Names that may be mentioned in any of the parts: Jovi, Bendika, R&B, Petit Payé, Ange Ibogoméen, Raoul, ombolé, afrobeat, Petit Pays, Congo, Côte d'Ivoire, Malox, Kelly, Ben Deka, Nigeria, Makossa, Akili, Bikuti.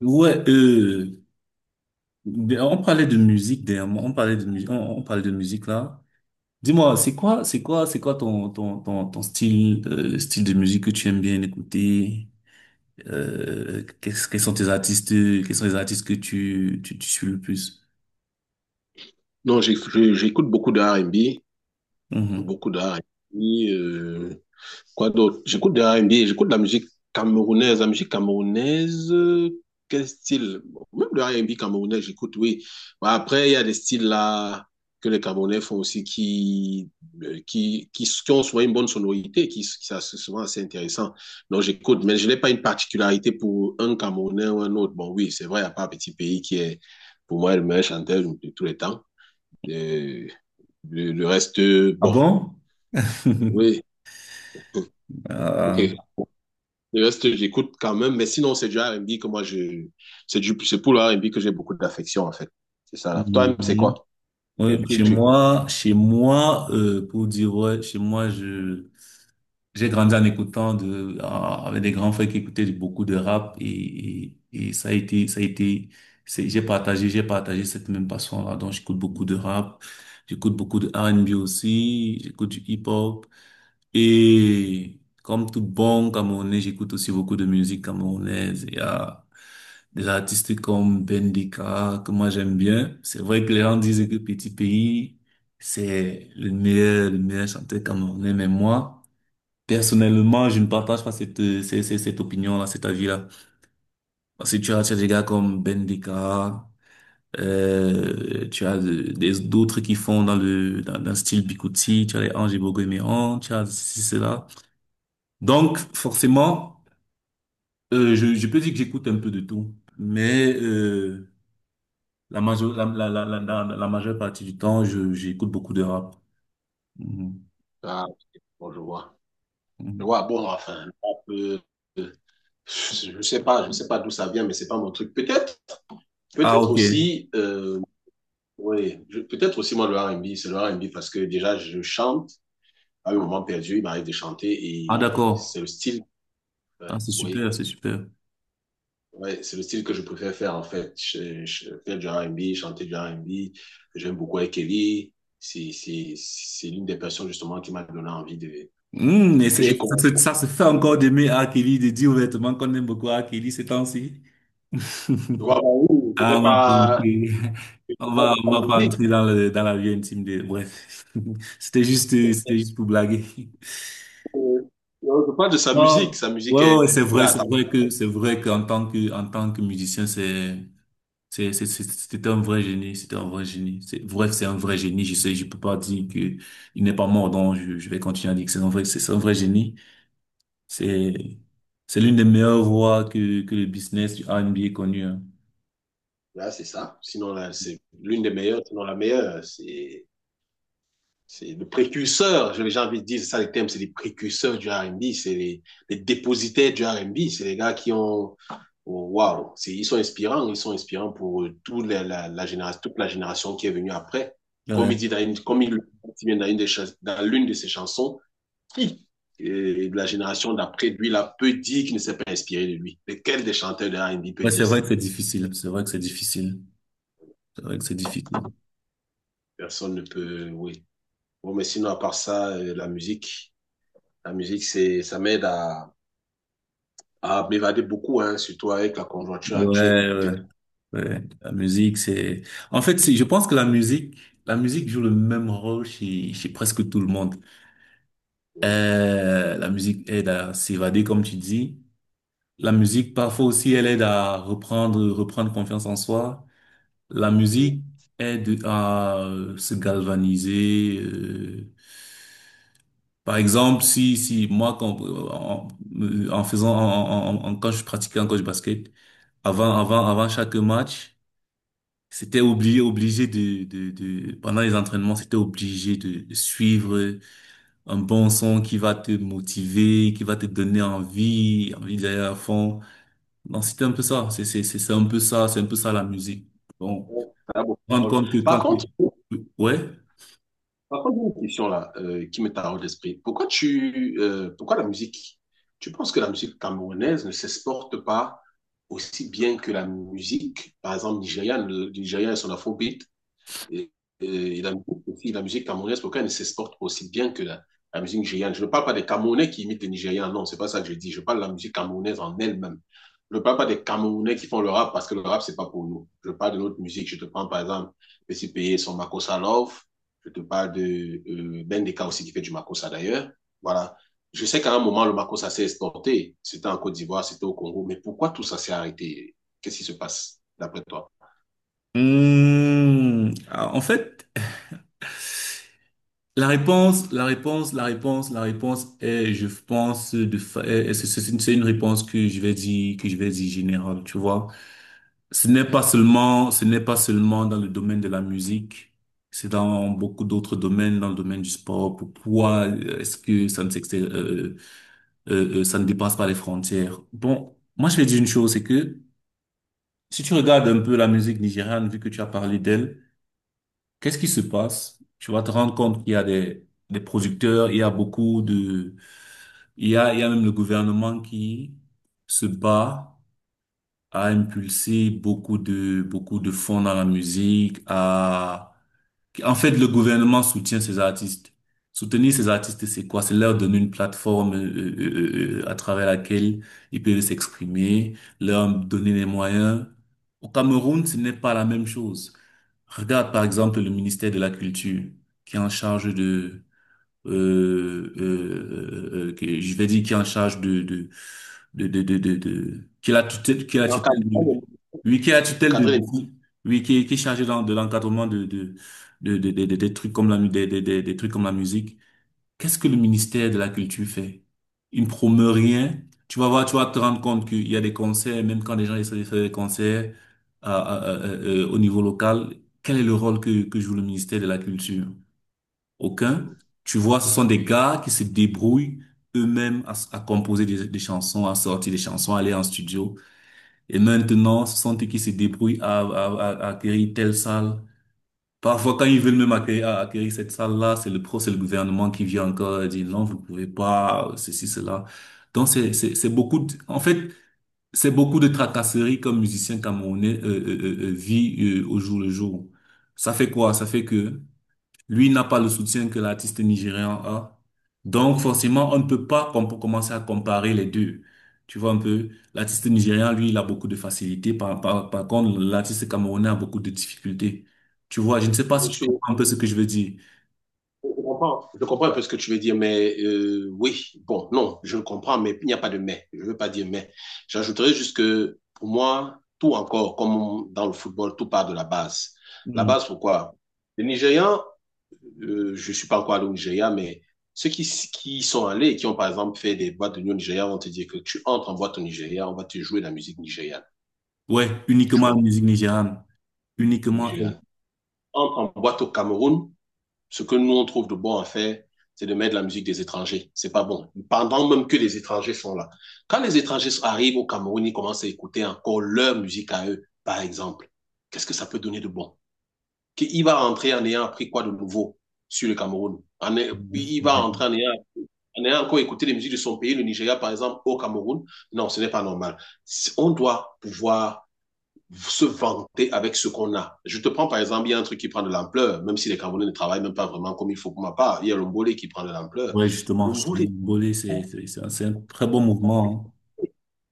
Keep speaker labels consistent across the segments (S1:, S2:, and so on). S1: Ouais, on parlait de musique dernièrement, on parlait de musique, on parlait de musique là. Dis-moi, c'est quoi ton style, le style de musique que tu aimes bien écouter? Quels sont tes artistes, quels sont les artistes que tu suis le plus?
S2: Non, j'écoute beaucoup de R and B,
S1: Mhm.
S2: beaucoup de R R&B. Quoi d'autre? J'écoute de R and B, j'écoute de la musique camerounaise. La musique camerounaise, quel style? Même de R and B camerounais, j'écoute, oui. Bah, après, il y a des styles là que les Camerounais font aussi qui ont souvent une bonne sonorité, qui ça, c'est souvent assez intéressant. Donc, j'écoute, mais je n'ai pas une particularité pour un Camerounais ou un autre. Bon, oui, c'est vrai, il n'y a pas un petit pays qui est, pour moi, le meilleur chanteur de tous les temps. Euh, le reste,
S1: Ah
S2: bon,
S1: bon?
S2: oui.
S1: Ah,
S2: Le reste, j'écoute quand même. Mais sinon, c'est du R&B que moi, je... C'est pour le R&B que j'ai beaucoup d'affection, en fait. C'est ça, là. Toi-même, c'est
S1: mhm.
S2: quoi?
S1: Ouais,
S2: Qu'est-ce que
S1: chez
S2: tu écoutes?
S1: moi, chez moi, pour dire ouais, chez moi je. J'ai grandi en écoutant de, en- avec des grands frères qui beaucoup de rap et ça a été, c'est- j'ai partagé cette même passion-là. Donc, j'écoute beaucoup de rap, j'écoute beaucoup de R&B aussi, j'écoute du hip-hop et comme tout bon Camerounais, j'écoute aussi beaucoup de musique camerounaise. Il y a des artistes comme Bendika que moi j'aime bien. C'est vrai que les gens disent que Petit Pays, c'est le meilleur chanteur camerounais, mais moi, personnellement, je ne partage pas cette opinion-là, cet avis-là. Parce que tu as des gars comme Bendeka, euh, tu as d'autres qui font dans dans le style Bikuti, tu as les Ange Ibogoméen, tu as ceci, cela. Donc, forcément, euh, je peux dire que j'écoute un peu de tout. Mais la, majeure, la- la majeure partie du temps, j'écoute beaucoup de rap. Mhm.
S2: Ah, ok, bon, je vois. Je
S1: Mhm.
S2: vois, bon, enfin, le rap, euh, je sais pas d'où ça vient, mais c'est pas mon truc. Peut-être,
S1: Ah,
S2: peut-être
S1: ok.
S2: aussi, oui, peut-être aussi, moi, le R&B, c'est le R&B parce que déjà, je chante. À un moment perdu, il m'arrive de chanter
S1: Ah,
S2: et
S1: d'accord.
S2: c'est le style. Ouais,
S1: Ah, c'est
S2: Oui.
S1: super, c'est super.
S2: Ouais, c'est le style que je préfère faire en fait. Faire du R&B, chanter du R&B. J'aime beaucoup Kelly. C'est l'une des personnes justement qui m'a donné envie de,
S1: Hmm, et
S2: que j'ai commencé.
S1: ça se fait
S2: Tu
S1: encore d'aimer Akili. Kelly, de dire ouvertement qu'on aime beaucoup Akili ces temps-ci.
S2: vois, bah oui,
S1: Ah, on va pas entrer,
S2: je sais
S1: on
S2: pas
S1: va,
S2: de
S1: on
S2: sa
S1: va pas
S2: musique.
S1: entrer dans dans la vie intime de, bref. C'était juste pour blaguer.
S2: euh, Je parle de sa musique.
S1: Non,
S2: Sa musique est,
S1: ouais, c'est
S2: elle
S1: vrai,
S2: a
S1: c'est
S2: attendu.
S1: vrai que, c'est vrai en tant que musicien, c'était un vrai génie, c'était un vrai génie. C'est vrai que c'est un vrai génie, je sais, je peux pas dire que il n'est pas mort, donc je vais continuer à dire que c'est un vrai génie. C'est, c'est l'une des meilleures voies que le business du R&B ait connu, hein.
S2: Là, c'est ça. Sinon, là, c'est l'une des meilleures, sinon la meilleure. C'est le précurseur, j'ai envie de dire, c'est ça les termes, c'est les précurseurs du R&B, c'est les dépositaires du R&B, c'est les gars qui ont, oh, waouh, wow, ils sont inspirants pour toute la génération, toute la génération qui est venue après. Comme
S1: Ouais.
S2: il dit dans une, comme il vient dans une des Dans l'une de ses chansons, qui de la génération d'après lui là peut dire qu'il ne s'est pas inspiré de lui. Mais quel des chanteurs de R&B peut
S1: Ouais, c'est
S2: dire
S1: vrai
S2: ça?
S1: que c'est difficile. C'est vrai que c'est difficile. C'est vrai que c'est difficile.
S2: Personne ne peut, oui. Bon, mais sinon à part ça, la musique c'est, ça m'aide à m'évader beaucoup, hein, surtout avec la conjoncture actuelle où
S1: Ouais,
S2: tout
S1: ouais,
S2: est
S1: ouais. La musique, c'est, en fait, c'est, je pense que la musique joue le même rôle chez presque tout le monde. La musique aide à s'évader, comme tu dis. La musique, parfois aussi, elle aide à reprendre confiance en soi. La musique aide à se galvaniser. Par exemple, si, si, moi, quand, en, en faisant, en, en- en- quand je pratiquais un coach basket, avant chaque match, obligé, pendant les entraînements, c'était obligé de suivre un bon son qui va te motiver, qui va te donner envie d'aller à fond. Donc, c'était un peu ça. C'est un peu ça, c'est un peu ça la musique. Bon,
S2: ça a beaucoup de
S1: rendre
S2: rôle.
S1: compte que quand,
S2: Par contre,
S1: tu- ouais.
S2: par contre, j'ai une question là qui me taraude l'esprit. Pourquoi la musique? Tu penses que la musique camerounaise ne s'exporte pas aussi bien que la musique, par exemple, nigériane, le Nigeria et son afrobeat? Et, et musique aussi, la musique camerounaise, pourquoi elle ne s'exporte aussi bien que la musique nigériane? Je ne parle pas des Camerounais qui imitent les Nigérians, non, c'est pas ça que je dis. Je parle de la musique camerounaise en elle-même. Je ne parle pas des Camerounais qui font le rap parce que le rap, c'est pas pour nous. Je parle de notre musique. Je te prends par exemple Petit Payé, son Makossa Love. Je te parle de Ben Deka aussi qui fait du Makossa d'ailleurs. Voilà. Je sais qu'à un moment, le Makossa s'est exporté. C'était en Côte d'Ivoire, c'était au Congo. Mais pourquoi tout ça s'est arrêté? Qu'est-ce qui se passe d'après toi?
S1: Mmh. Ah, en fait, La réponse est, je pense, de fa- est- est- c'est une réponse que je vais dire générale, tu vois. Ce n'est pas seulement dans le domaine de la musique, c'est dans beaucoup d'autres domaines, dans le domaine du sport. Pourquoi est-ce que ça ne dépasse pas les frontières? Bon, moi je vais dire une chose, c'est que si tu regardes un peu la musique nigériane, vu que tu as parlé d'elle. Qu'est-ce qui se passe? Tu vas te rendre compte qu'il y a des producteurs, il y a beaucoup de, il y a même le gouvernement qui se bat à impulser beaucoup de fonds dans la musique, à en fait, le gouvernement soutient ces artistes. Soutenir ces artistes, c'est quoi? C'est leur donner une plateforme à travers laquelle ils peuvent s'exprimer, leur donner les moyens. Au Cameroun, ce n'est pas la même chose. Regarde par exemple le ministère de la Culture qui est en charge de que je vais dire qui est en charge qui est la
S2: Encadrer
S1: tutelle de,
S2: les-
S1: oui qui est la tutelle de
S2: Encadrer
S1: de-
S2: les-
S1: oui qui est chargé dans de l'encadrement des trucs comme la mu- des trucs comme la musique. Qu'est-ce que le ministère de la culture fait? Il ne promeut rien. Tu vas voir, tu vas te rendre compte qu'il y a des concerts. Même quand les gens essaient de faire des concerts au niveau local, quel est le rôle que joue le ministère de la culture? Aucun. Tu vois, ce sont des gars qui se débrouillent eux-mêmes à composer des chansons, à sortir des chansons, à aller en studio. Et maintenant, ce sont eux qui se débrouillent à acquérir telle salle. Parfois, quand ils veulent même à acquérir cette salle-là, c'est c'est le gouvernement qui vient encore et dit non, vous pouvez pas, ceci, cela. Donc, c'est beaucoup de- en fait, c'est beaucoup de tracasseries comme musicien camerounais vit au jour le jour. Ça fait quoi? Ça fait que lui n'a pas le soutien que l'artiste nigérian a. Donc forcément, on ne peut pas commencer à comparer les deux. Tu vois un peu, l'artiste nigérian, lui, il a beaucoup de facilité. Par contre, l'artiste camerounais a beaucoup de difficultés. Tu vois, je ne sais pas
S2: Je
S1: si tu
S2: suis,
S1: comprends un peu ce que je veux dire.
S2: je comprends un peu ce que tu veux dire, mais oui, bon, non, je le comprends, mais il n'y a pas de mais. Je ne veux pas dire mais. J'ajouterais juste que pour moi, tout encore, comme dans le football, tout part de la base. La
S1: Mm.
S2: base, pourquoi? Les Nigérians, je ne suis pas encore allé au Nigeria, mais ceux qui sont allés et qui ont par exemple fait des boîtes de nuit au Nigeria vont te dire que tu entres en boîte au Nigeria, on va te jouer de la musique nigériane.
S1: Ouais,
S2: Tu
S1: uniquement la
S2: comprends?
S1: musique nigériane. Uniquement elle.
S2: Nigériane. Entre en boîte au Cameroun, ce que nous on trouve de bon à faire, c'est de mettre de la musique des étrangers. C'est pas bon. Pendant même que les étrangers sont là. Quand les étrangers arrivent au Cameroun, ils commencent à écouter encore leur musique à eux, par exemple. Qu'est-ce que ça peut donner de bon? Qu'il va rentrer en ayant appris quoi de nouveau sur le Cameroun? Il va
S1: Ouais.
S2: rentrer en ayant encore écouté les musiques de son pays, le Nigeria par exemple, au Cameroun, non, ce n'est pas normal. Si on doit pouvoir se vanter avec ce qu'on a. Je te prends par exemple, il y a un truc qui prend de l'ampleur, même si les Camerounais ne travaillent même pas vraiment comme il faut pour ma part. Il y a l'ombolé qui prend de l'ampleur.
S1: Justement,
S2: L'ombolé,
S1: Bolé, c'est un très bon mouvement,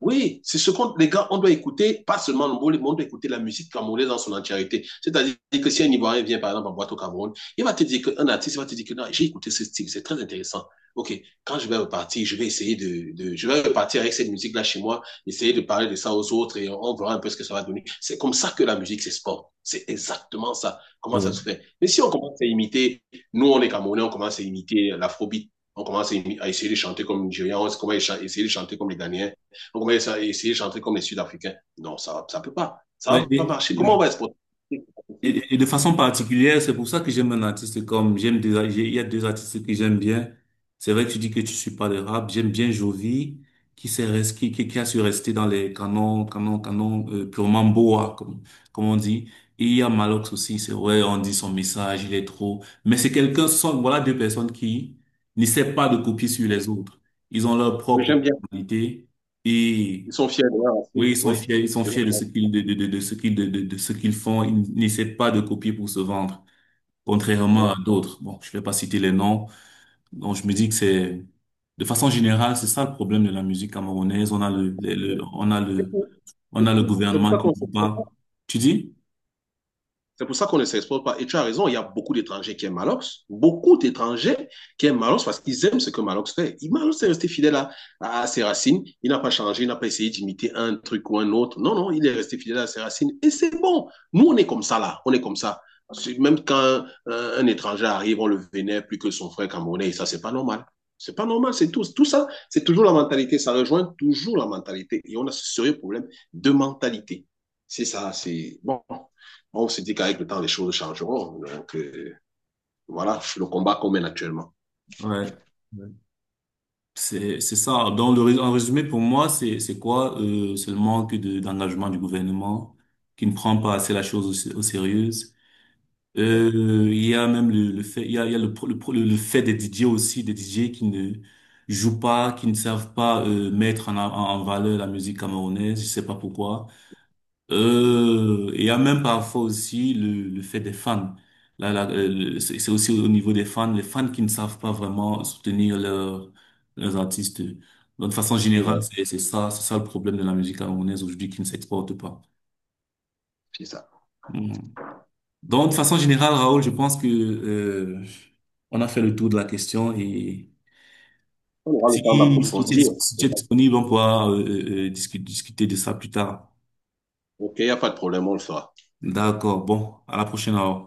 S2: oui, c'est ce qu'on, les gars, on doit écouter, pas seulement le mot, on doit écouter la musique camerounaise dans son entièreté. C'est-à-dire que si un Ivoirien vient, par exemple, en boîte au Cameroun, il va te dire qu'un artiste va te dire que non, j'ai écouté ce style, c'est très intéressant. OK, quand je vais repartir, je vais essayer de je vais repartir avec cette musique-là chez moi, essayer de parler de ça aux autres et on verra un peu ce que ça va donner. C'est comme ça que la musique, c'est sport. C'est exactement ça. Comment
S1: hein. Ouais.
S2: ça se fait? Mais si on commence à imiter, nous, on est Camerounais, on commence à imiter l'afrobeat, on commence à essayer de chanter comme les Nigérians, on commence à essayer de chanter comme les Ghanéens, on va essayer de chanter comme les Sud-Africains. Non, ça ne peut pas. Ça ne
S1: Ouais,
S2: va pas marcher. Comment on va exporter? C'est pas possible.
S1: Et de façon particulière, c'est pour ça que j'aime un artiste comme, il y a deux artistes que j'aime bien. C'est vrai que tu dis que tu suis pas le rap. J'aime bien Jovi, qui s'est res- qui a su rester dans les canons, purement boa, comme on dit. Et il y a Malox aussi, c'est vrai, on dit son message, il est trop. Mais c'est quelqu'un, ce sont, voilà deux personnes qui n'essaient pas de copier sur les autres. Ils ont leur
S2: Oui,
S1: propre
S2: j'aime bien.
S1: personnalité.
S2: Ils sont fiers de leur racine.
S1: Oui,
S2: Oui.
S1: ils sont fiers de ce qu'ils de ce qu'ils font. Ils n'essaient pas de copier pour se vendre, contrairement à d'autres. Bon, je vais pas citer les noms. Donc, je me dis que c'est, de façon générale, c'est ça le problème de la musique camerounaise. On a
S2: C'est
S1: le, on a le
S2: pour
S1: gouvernement
S2: ça
S1: qui
S2: qu'on
S1: ne
S2: ne se
S1: dit pas.
S2: comprend pas.
S1: Tu dis?
S2: C'est pour ça qu'on ne s'exporte pas. Et tu as raison, il y a beaucoup d'étrangers qui aiment Malox, beaucoup d'étrangers qui aiment Malox parce qu'ils aiment ce que Malox fait. Malox est resté fidèle à ses racines, il n'a pas changé, il n'a pas essayé d'imiter un truc ou un autre. Non, non, il est resté fidèle à ses racines et c'est bon. Nous, on est comme ça là, on est comme ça. Même quand un étranger arrive, on le vénère plus que son frère camerounais, et ça, c'est pas normal. C'est pas normal, c'est tout. Tout ça, c'est toujours la mentalité, ça rejoint toujours la mentalité. Et on a ce sérieux problème de mentalité. C'est ça, c'est bon, on se dit qu'avec le temps, les choses changeront. Donc, voilà, le combat qu'on mène actuellement.
S1: Ouais. Ouais. C'est ça. Donc, en résumé, pour moi, c'est quoi? C'est le manque de, d'engagement du gouvernement qui ne prend pas assez la chose au sérieux. Il y a même le fait, il y a le, pro- le, pro- le fait des DJ aussi, des DJ qui ne jouent pas, qui ne savent pas mettre en valeur la musique camerounaise, je sais pas pourquoi. Et il y a même parfois aussi le fait des fans. C'est aussi au niveau des fans, les fans qui ne savent pas vraiment soutenir leurs artistes. Donc, de façon générale,
S2: Ouais,
S1: c'est ça le problème de la musique camerounaise aujourd'hui qui ne s'exporte pas.
S2: c'est ça.
S1: Mm. Donc, de façon générale, Raoul, je pense que on a fait le tour de la question et
S2: On aura le temps d'approfondir.
S1: si tu es disponible, on pourra discuter de ça plus tard.
S2: OK, il n'y a pas de problème, on le fera.
S1: D'accord. Bon, à la prochaine, Raoul.